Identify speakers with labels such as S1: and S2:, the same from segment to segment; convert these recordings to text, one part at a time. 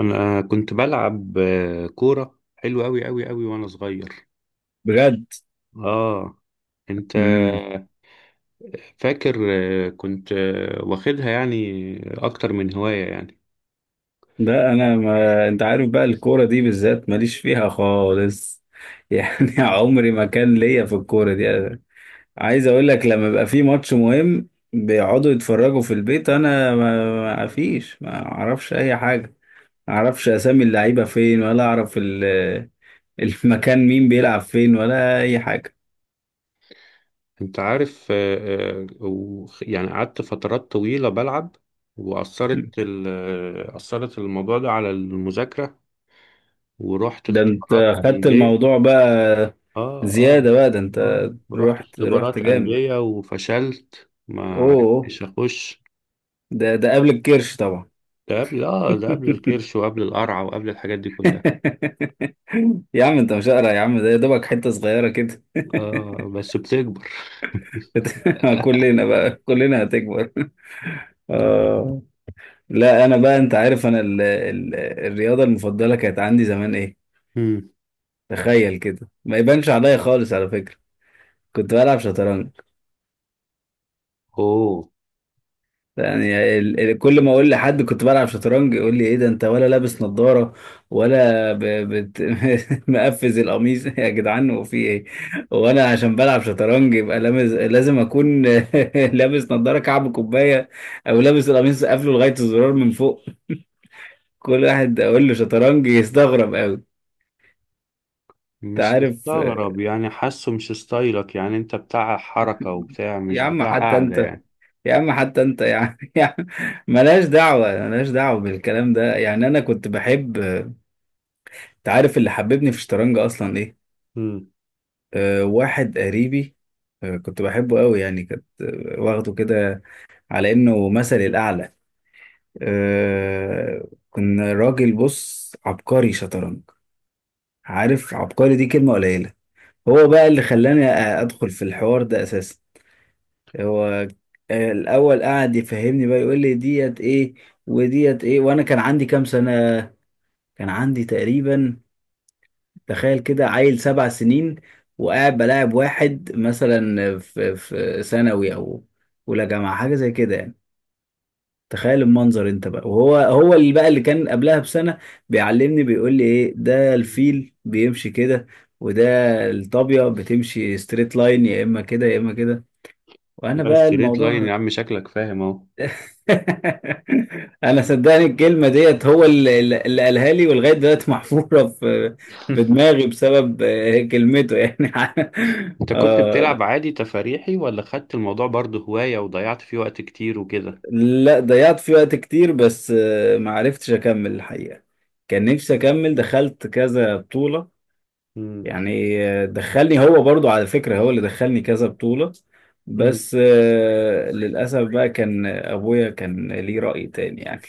S1: انا كنت بلعب كورة حلو قوي قوي قوي وانا صغير.
S2: بجد.
S1: اه، انت
S2: امم
S1: فاكر؟ كنت واخدها يعني اكتر من هواية يعني.
S2: ده انا، ما انت عارف بقى الكوره دي بالذات ماليش فيها خالص يعني عمري ما كان ليا في الكوره دي. أنا عايز اقول لك لما بيبقى في ماتش مهم بيقعدوا يتفرجوا في البيت، انا ما فيش، ما اعرفش اي حاجه، ما اعرفش اسامي اللعيبه فين، ولا اعرف المكان مين بيلعب فين، ولا اي حاجه.
S1: انت عارف، يعني قعدت فترات طويلة بلعب وأثرت أثرت الموضوع ده على المذاكرة ورحت
S2: ده انت
S1: اختبارات
S2: خدت
S1: أندية.
S2: الموضوع بقى
S1: اه، اه،
S2: زياده بقى، ده انت
S1: اه، رحت
S2: رحت رحت
S1: اختبارات
S2: جامد.
S1: أندية وفشلت ما
S2: اوه،
S1: عرفتش أخش.
S2: ده قبل الكرش طبعا.
S1: ده قبل اه، ده قبل الكرش وقبل القرع وقبل الحاجات دي كلها.
S2: يا عم انت مش قارع يا عم، ده يا دوبك حتة صغيرة كده.
S1: اه بس بتكبر.
S2: كلنا بقى، كلنا هتكبر. آه. لا انا بقى، انت عارف انا ال ال الرياضة المفضلة كانت عندي زمان ايه؟
S1: مم.
S2: تخيل كده، ما يبانش عليا خالص على فكرة، كنت بلعب شطرنج.
S1: اوه،
S2: يعني كل ما اقول لحد كنت بلعب شطرنج يقول لي ايه ده، انت ولا لابس نظارة؟ ولا ب... بت... مقفز القميص يا جدعان، وفي ايه؟ وانا عشان بلعب شطرنج يبقى لازم اكون لابس نظارة كعب كوباية، او لابس القميص قافله لغاية الزرار من فوق. كل واحد اقول له شطرنج يستغرب قوي. انت
S1: مش
S2: عارف،
S1: مستغرب يعني حاسه مش ستايلك يعني، انت بتاع حركة وبتاع مش
S2: يا عم
S1: بتاع
S2: حتى
S1: قاعدة
S2: انت،
S1: يعني.
S2: يا عم حتى انت يا عم، يا عم ملهاش دعوة، ملهاش دعوة بالكلام ده. يعني انا كنت بحب، انت عارف اللي حببني في الشطرنج اصلا ايه؟
S1: مم.
S2: أه واحد قريبي، أه كنت بحبه قوي، يعني كنت واخده كده على انه مثلي الاعلى. أه، كنا راجل بص، عبقري شطرنج، عارف عبقري دي كلمة قليلة. هو بقى اللي خلاني ادخل في الحوار ده اساسا. هو الاول قعد يفهمني بقى، يقول لي ديت ايه وديت ايه. وانا كان عندي كام سنة؟ كان عندي تقريبا، تخيل كده، عيل 7 سنين، وقاعد بلاعب واحد مثلا في ثانوي، او اولى جامعه، حاجه زي كده يعني. تخيل المنظر انت بقى، وهو هو اللي بقى اللي كان قبلها بسنه، بيعلمني بيقول لي ايه ده، الفيل بيمشي كده، وده الطابيه بتمشي ستريت لاين، يا اما كده يا اما كده. وانا
S1: بس
S2: بقى
S1: ستريت لاين
S2: الموضوع،
S1: يا عم شكلك فاهم اهو.
S2: انا صدقني الكلمه ديت هو اللي قالها لي، ولغايه دلوقتي محفوره في دماغي بسبب كلمته يعني.
S1: انت كنت بتلعب
S2: آه.
S1: عادي تفاريحي ولا خدت الموضوع برضه هواية وضيعت فيه وقت كتير وكده؟
S2: لا ضيعت فيه وقت كتير، بس ما عرفتش اكمل الحقيقه. كان نفسي اكمل، دخلت كذا بطوله
S1: مم.
S2: يعني. دخلني هو برضو على فكره، هو اللي دخلني كذا بطوله،
S1: مم.
S2: بس للاسف بقى كان ابويا كان ليه راي تاني يعني.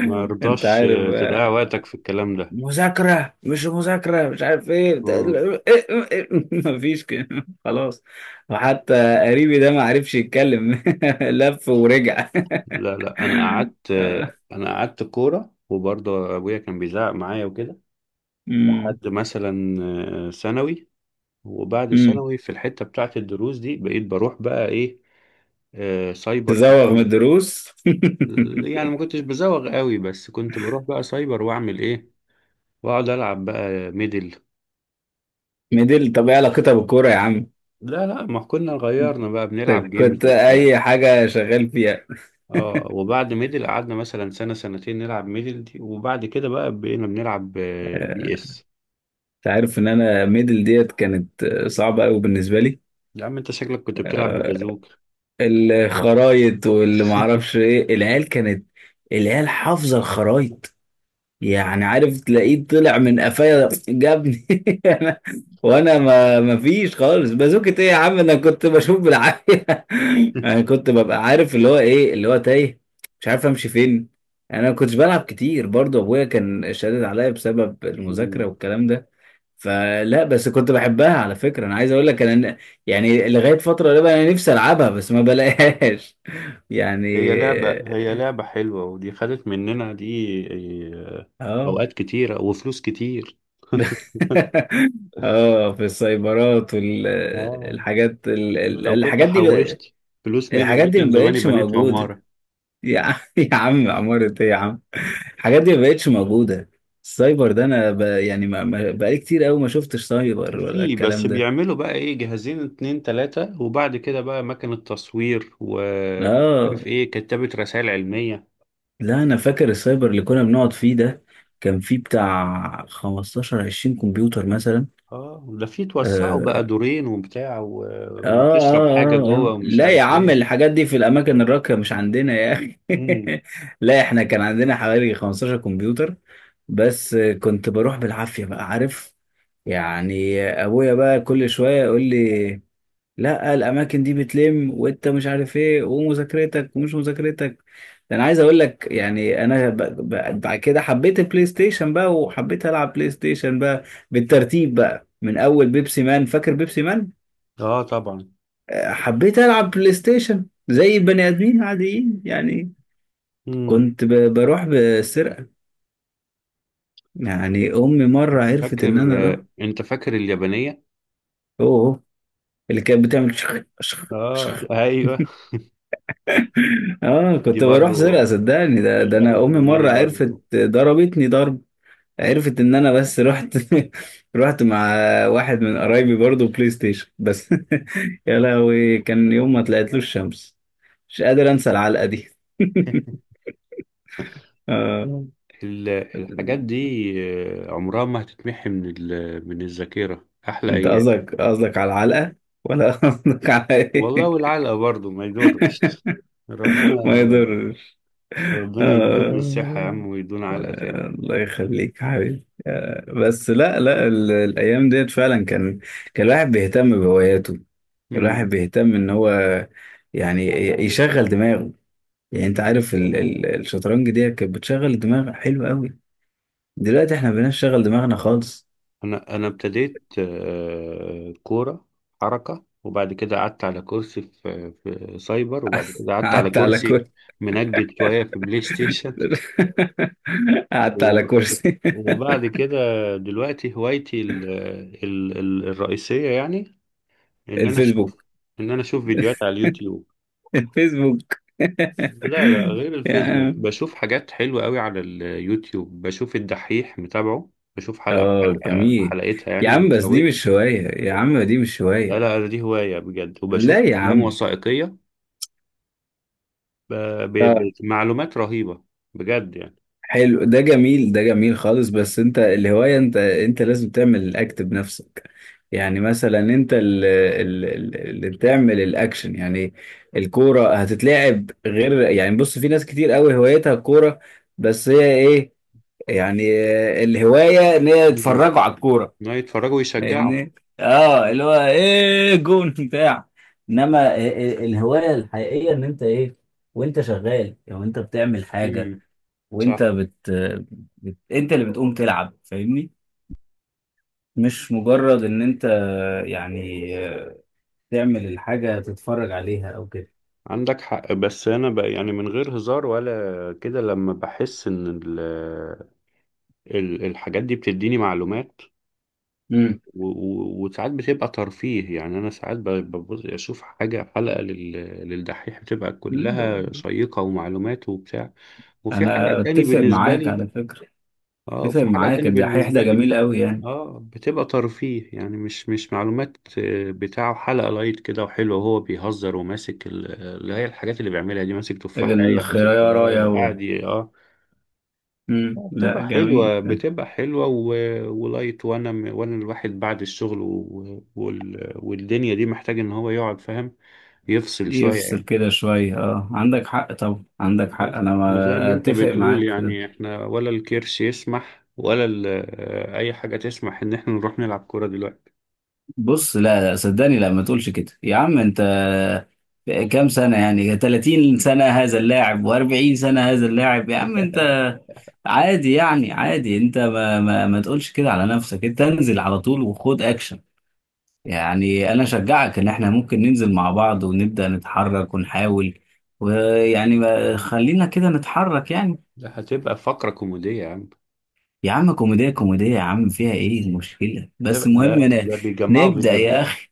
S1: ما
S2: انت
S1: رضاش
S2: عارف،
S1: تضيع وقتك في الكلام ده.
S2: مذاكرة مش مذاكرة مش عارف ايه
S1: آه.
S2: مفيش كده خلاص. وحتى قريبي ده ما عرفش يتكلم لف ورجع.
S1: لا، انا قعدت، انا قعدت كوره وبرضه ابويا كان بيزعق معايا وكده
S2: امم
S1: لحد مثلا ثانوي. وبعد
S2: امم
S1: ثانوي في الحته بتاعه الدروس دي بقيت بروح بقى ايه، سايبر
S2: تزوغ من
S1: كتير.
S2: الدروس.
S1: يعني ما كنتش بزوغ قوي بس كنت بروح بقى سايبر واعمل ايه، واقعد العب بقى ميدل.
S2: ميدل، طب ايه علاقتها بالكورة يا عم؟
S1: لا، ما كنا غيرنا بقى
S2: طب
S1: بنلعب
S2: كنت
S1: جيمز وبتاع.
S2: اي حاجة شغال فيها؟
S1: اه، وبعد ميدل قعدنا مثلا سنه سنتين نلعب ميدل دي، وبعد كده بقى بقينا بنلعب
S2: آه،
S1: بي اس.
S2: انت عارف ان انا ميدل ديت كانت صعبة قوي بالنسبة لي.
S1: يا عم انت شكلك كنت بتلعب ببازوك.
S2: الخرايط واللي معرفش ايه، العيال كانت العيال حافظة الخرايط. يعني عارف تلاقيه طلع من قفايا جابني أنا- وانا ما فيش خالص، بازوكة ايه يا عم؟ انا كنت بشوف بالعافيه. انا كنت ببقى عارف اللي هو ايه، اللي هو تايه مش عارف امشي فين. يعني انا ما كنتش بلعب كتير برضو، ابويا كان شادد عليا بسبب المذاكره
S1: مم.
S2: والكلام ده. فلا، بس كنت بحبها على فكره، انا عايز اقول لك انا يعني لغايه فتره قريبه انا نفسي العبها، بس ما بلاقيهاش. يعني
S1: هي لعبة حلوة، ودي خدت مننا دي، اه،
S2: اه.
S1: أوقات كتيرة وفلوس كتير.
S2: اه، في السايبرات
S1: اه،
S2: والحاجات،
S1: لو كنت حوشت فلوس ميدل
S2: الحاجات
S1: دي
S2: دي
S1: كان
S2: ما
S1: زماني
S2: بقتش
S1: بنيت
S2: موجودة
S1: عمارة.
S2: يا عم. يا عم عمارة ايه يا عم؟ الحاجات دي ما بقتش موجودة. السايبر ده انا ب... يعني ما... ما... بقالي كتير قوي ما شفتش سايبر، ولا
S1: في بس
S2: الكلام ده.
S1: بيعملوا بقى ايه، جهازين اتنين تلاتة وبعد كده بقى مكنة تصوير
S2: اه،
S1: وعارف ايه، كتابة رسائل علمية.
S2: لا انا فاكر السايبر اللي كنا بنقعد فيه ده، كان فيه بتاع 15 20 كمبيوتر مثلا.
S1: اه، ده في توسعوا بقى
S2: آه،
S1: دورين وبتاع و... وتشرب حاجة جوه ومش
S2: لا يا
S1: عارف
S2: عم
S1: ايه.
S2: الحاجات دي في الأماكن الراقية، مش عندنا يا أخي. لا إحنا كان عندنا حوالي 15 كمبيوتر، بس كنت بروح بالعافية بقى، عارف يعني؟ أبويا بقى كل شوية يقول لي لا الأماكن دي بتلم، وأنت مش عارف إيه، ومذاكرتك ومش مذاكرتك. ده أنا عايز أقول لك، يعني أنا بعد كده حبيت البلاي ستيشن بقى، وحبيت ألعب بلاي ستيشن بقى بالترتيب بقى، من أول بيبسي مان، فاكر بيبسي؟
S1: اه طبعا.
S2: حبيت ألعب بلاي ستيشن زي البني آدمين عاديين يعني.
S1: امم.
S2: كنت بروح بسرقة. يعني أمي مرة
S1: انت
S2: عرفت
S1: فاكر،
S2: إن أنا أروح.
S1: انت فاكر اليابانية؟
S2: أوه، اللي كانت بتعمل شخ شخ شخ.
S1: اه ايوه.
S2: آه،
S1: دي
S2: كنت بروح
S1: برضو،
S2: سرقة صدقني،
S1: دي
S2: ده
S1: خدت
S2: أنا أمي
S1: مننا
S2: مرة
S1: برضو.
S2: عرفت ضربتني ضرب. عرفت إن أنا بس رحت، رحت مع واحد من قرايبي برضه بلاي ستيشن بس. يا لهوي، كان يوم ما طلعتلوش الشمس، مش قادر أنسى العلقة دي. آه.
S1: الحاجات دي عمرها ما هتتمحي من من الذاكرة، أحلى
S2: انت
S1: أيام.
S2: قصدك قصدك على العلقة، ولا قصدك على
S1: والله،
S2: ايه؟
S1: والعلقة برضو ما يدورش. ربنا،
S2: ما يضرش.
S1: ربنا يديهم الصحة يا
S2: آه.
S1: عم ويدونا علقة تاني.
S2: الله يخليك يا حبيبي، بس لا لا الايام ديت فعلا كان، كان الواحد بيهتم بهواياته، كان الواحد
S1: مم.
S2: بيهتم ان هو يعني يشغل دماغه. يعني انت عارف الشطرنج دي كانت بتشغل الدماغ حلو قوي. دلوقتي احنا مبقيناش نشغل دماغنا خالص.
S1: انا ابتديت كوره، حركه، وبعد كده قعدت على كرسي في سايبر، وبعد كده قعدت على
S2: قعدت على
S1: كرسي
S2: كرسي.
S1: منجد شويه في بلاي ستيشن.
S2: قعدت على
S1: و-
S2: كرسي.
S1: وبعد كده دلوقتي هوايتي ال الرئيسيه يعني ان انا اشوف،
S2: الفيسبوك،
S1: ان انا اشوف فيديوهات على اليوتيوب.
S2: الفيسبوك.
S1: لا، غير
S2: يا
S1: الفيسبوك
S2: عم
S1: بشوف حاجات حلوه قوي على اليوتيوب، بشوف الدحيح متابعه، بشوف حلقه
S2: اه
S1: بحلقه
S2: جميل،
S1: بحلقتها يعني
S2: يا
S1: ما
S2: عم بس دي
S1: بفوتش.
S2: مش هواية يا عم، دي مش
S1: لا
S2: هواية.
S1: لا أنا دي هواية بجد، وبشوف
S2: لا يا
S1: أفلام
S2: عم.
S1: وثائقية ب-
S2: اه
S1: بمعلومات رهيبة بجد يعني.
S2: حلو ده جميل، ده جميل خالص، بس انت الهواية، انت انت لازم تعمل الاكت بنفسك. يعني مثلا انت اللي، اللي بتعمل الاكشن يعني. الكورة هتتلعب غير، يعني بص في ناس كتير قوي هوايتها الكورة، بس هي ايه؟ يعني الهواية ان هي
S1: مم.
S2: يتفرجوا على الكورة،
S1: لا يتفرجوا ويشجعوا.
S2: فاهمني؟ اه اللي هو ايه جون بتاع. انما الهوايه الحقيقيه ان انت ايه؟ وانت شغال، او انت بتعمل حاجه،
S1: مم.
S2: وانت
S1: صح.
S2: بت... انت اللي بتقوم تلعب، فاهمني؟ مش مجرد ان انت يعني تعمل الحاجه تتفرج عليها او كده.
S1: عندك حق، بس أنا بقى يعني من غير هزار ولا كده لما بحس إن الحاجات دي بتديني معلومات،
S2: امم
S1: وساعات بتبقى ترفيه. يعني أنا ساعات ببص أشوف حاجة حلقة للدحيح بتبقى كلها شيقة ومعلومات وبتاع، وفي حلقة
S2: انا
S1: تاني
S2: اتفق
S1: بالنسبة
S2: معاك
S1: لي.
S2: على فكره،
S1: اه،
S2: اتفق
S1: وفي حلقة
S2: معاك
S1: تاني
S2: الدحيح ده
S1: بالنسبة لي
S2: جميل قوي يعني.
S1: اه بتبقى ترفيه يعني مش مش معلومات، بتاعه حلقة لايت كده وحلو وهو بيهزر وماسك اللي هي الحاجات اللي بيعملها دي، ماسك تفاحية، ماسك
S2: الخيرايه رايه و...
S1: وقاعد ي- اه،
S2: مم.
S1: بتبقى
S2: لا جميل.
S1: حلوة بتبقى حلوة و... ولايت. وانا الواحد بعد الشغل و... والدنيا دي محتاج ان هو يقعد فاهم يفصل شوية
S2: يفصل
S1: يعني.
S2: كده شوية، اه عندك حق طبعا، عندك حق انا
S1: بس وزي ما
S2: ما
S1: انت
S2: اتفق
S1: بتقول
S2: معاك في ده.
S1: يعني احنا ولا الكرش يسمح ولا ال... اي حاجة تسمح ان احنا نروح نلعب كورة دلوقتي.
S2: بص لا لا صدقني، لا ما تقولش كده يا عم انت. كام سنة يعني؟ 30 سنة هذا اللاعب، و40 سنة هذا اللاعب، يا عم انت عادي يعني، عادي. انت ما تقولش كده على نفسك، انت انزل على طول وخد اكشن. يعني انا اشجعك ان احنا ممكن ننزل مع بعض، ونبدأ نتحرك ونحاول، ويعني خلينا كده نتحرك يعني.
S1: ده هتبقى فقرة كوميدية يا عم،
S2: يا عم كوميديا، كوميديا يا عم، فيها ايه المشكلة؟ بس
S1: هتبقى،
S2: المهم
S1: ده
S2: انا
S1: ده بيجمعوا
S2: نبدأ يا
S1: فيديوهات،
S2: اخي.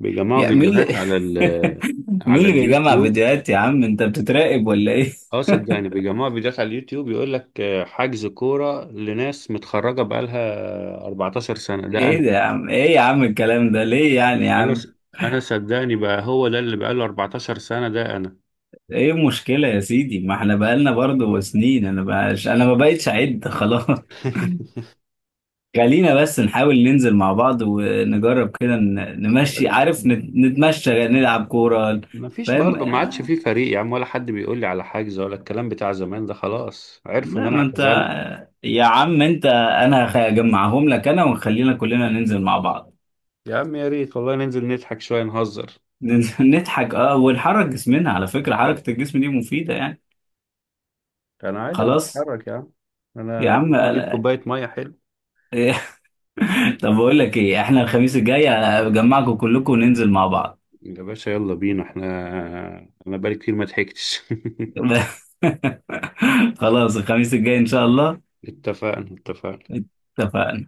S1: بيجمعوا
S2: يا مين
S1: فيديوهات
S2: اللي،
S1: على ال،
S2: مين
S1: على
S2: اللي بيجمع
S1: اليوتيوب.
S2: فيديوهات يا عم؟ انت بتتراقب ولا ايه؟
S1: اه صدقني يعني بيجمعوا فيديوهات على اليوتيوب يقول لك حجز كورة لناس متخرجة بقالها 14 سنة ده
S2: ايه
S1: انا.
S2: ده يا عم، ايه يا عم الكلام ده ليه يعني يا
S1: انا
S2: عم؟
S1: س- انا صدقني بقى هو ده اللي بقاله 14 سنة ده انا.
S2: ايه المشكلة يا سيدي؟ ما احنا بقالنا برضه سنين، انا بقاش انا ما بقتش اعد خلاص. خلينا بس نحاول ننزل مع بعض، ونجرب كده نمشي، عارف نتمشى نلعب كورة.
S1: ما فيش
S2: فاهم؟
S1: برضه، ما عادش في فريق يا عم، ولا حد بيقول لي على حجز ولا الكلام بتاع زمان ده، خلاص عرفوا ان
S2: لا
S1: انا
S2: ما انت،
S1: اعتزلت.
S2: يا عم انت انا هجمعهم لك انا، وخلينا كلنا ننزل مع بعض.
S1: يا عم يا ريت والله، ننزل نضحك شوية نهزر.
S2: ننزل نضحك اه، ونحرك جسمنا، على فكرة حركة الجسم دي مفيدة يعني.
S1: انا عادي، انا
S2: خلاص.
S1: بتحرك يا عم،
S2: يا
S1: انا
S2: عم
S1: بقوم اجيب
S2: لا.
S1: كوبايه ميه حلو.
S2: طب بقول لك ايه، احنا الخميس الجاي هجمعكم كلكم، وننزل مع بعض.
S1: يا باشا يلا بينا احنا، انا بقالي كتير ما ضحكتش.
S2: خلاص الخميس الجاي ان شاء الله.
S1: اتفقنا، اتفقنا.
S2: اتفقنا.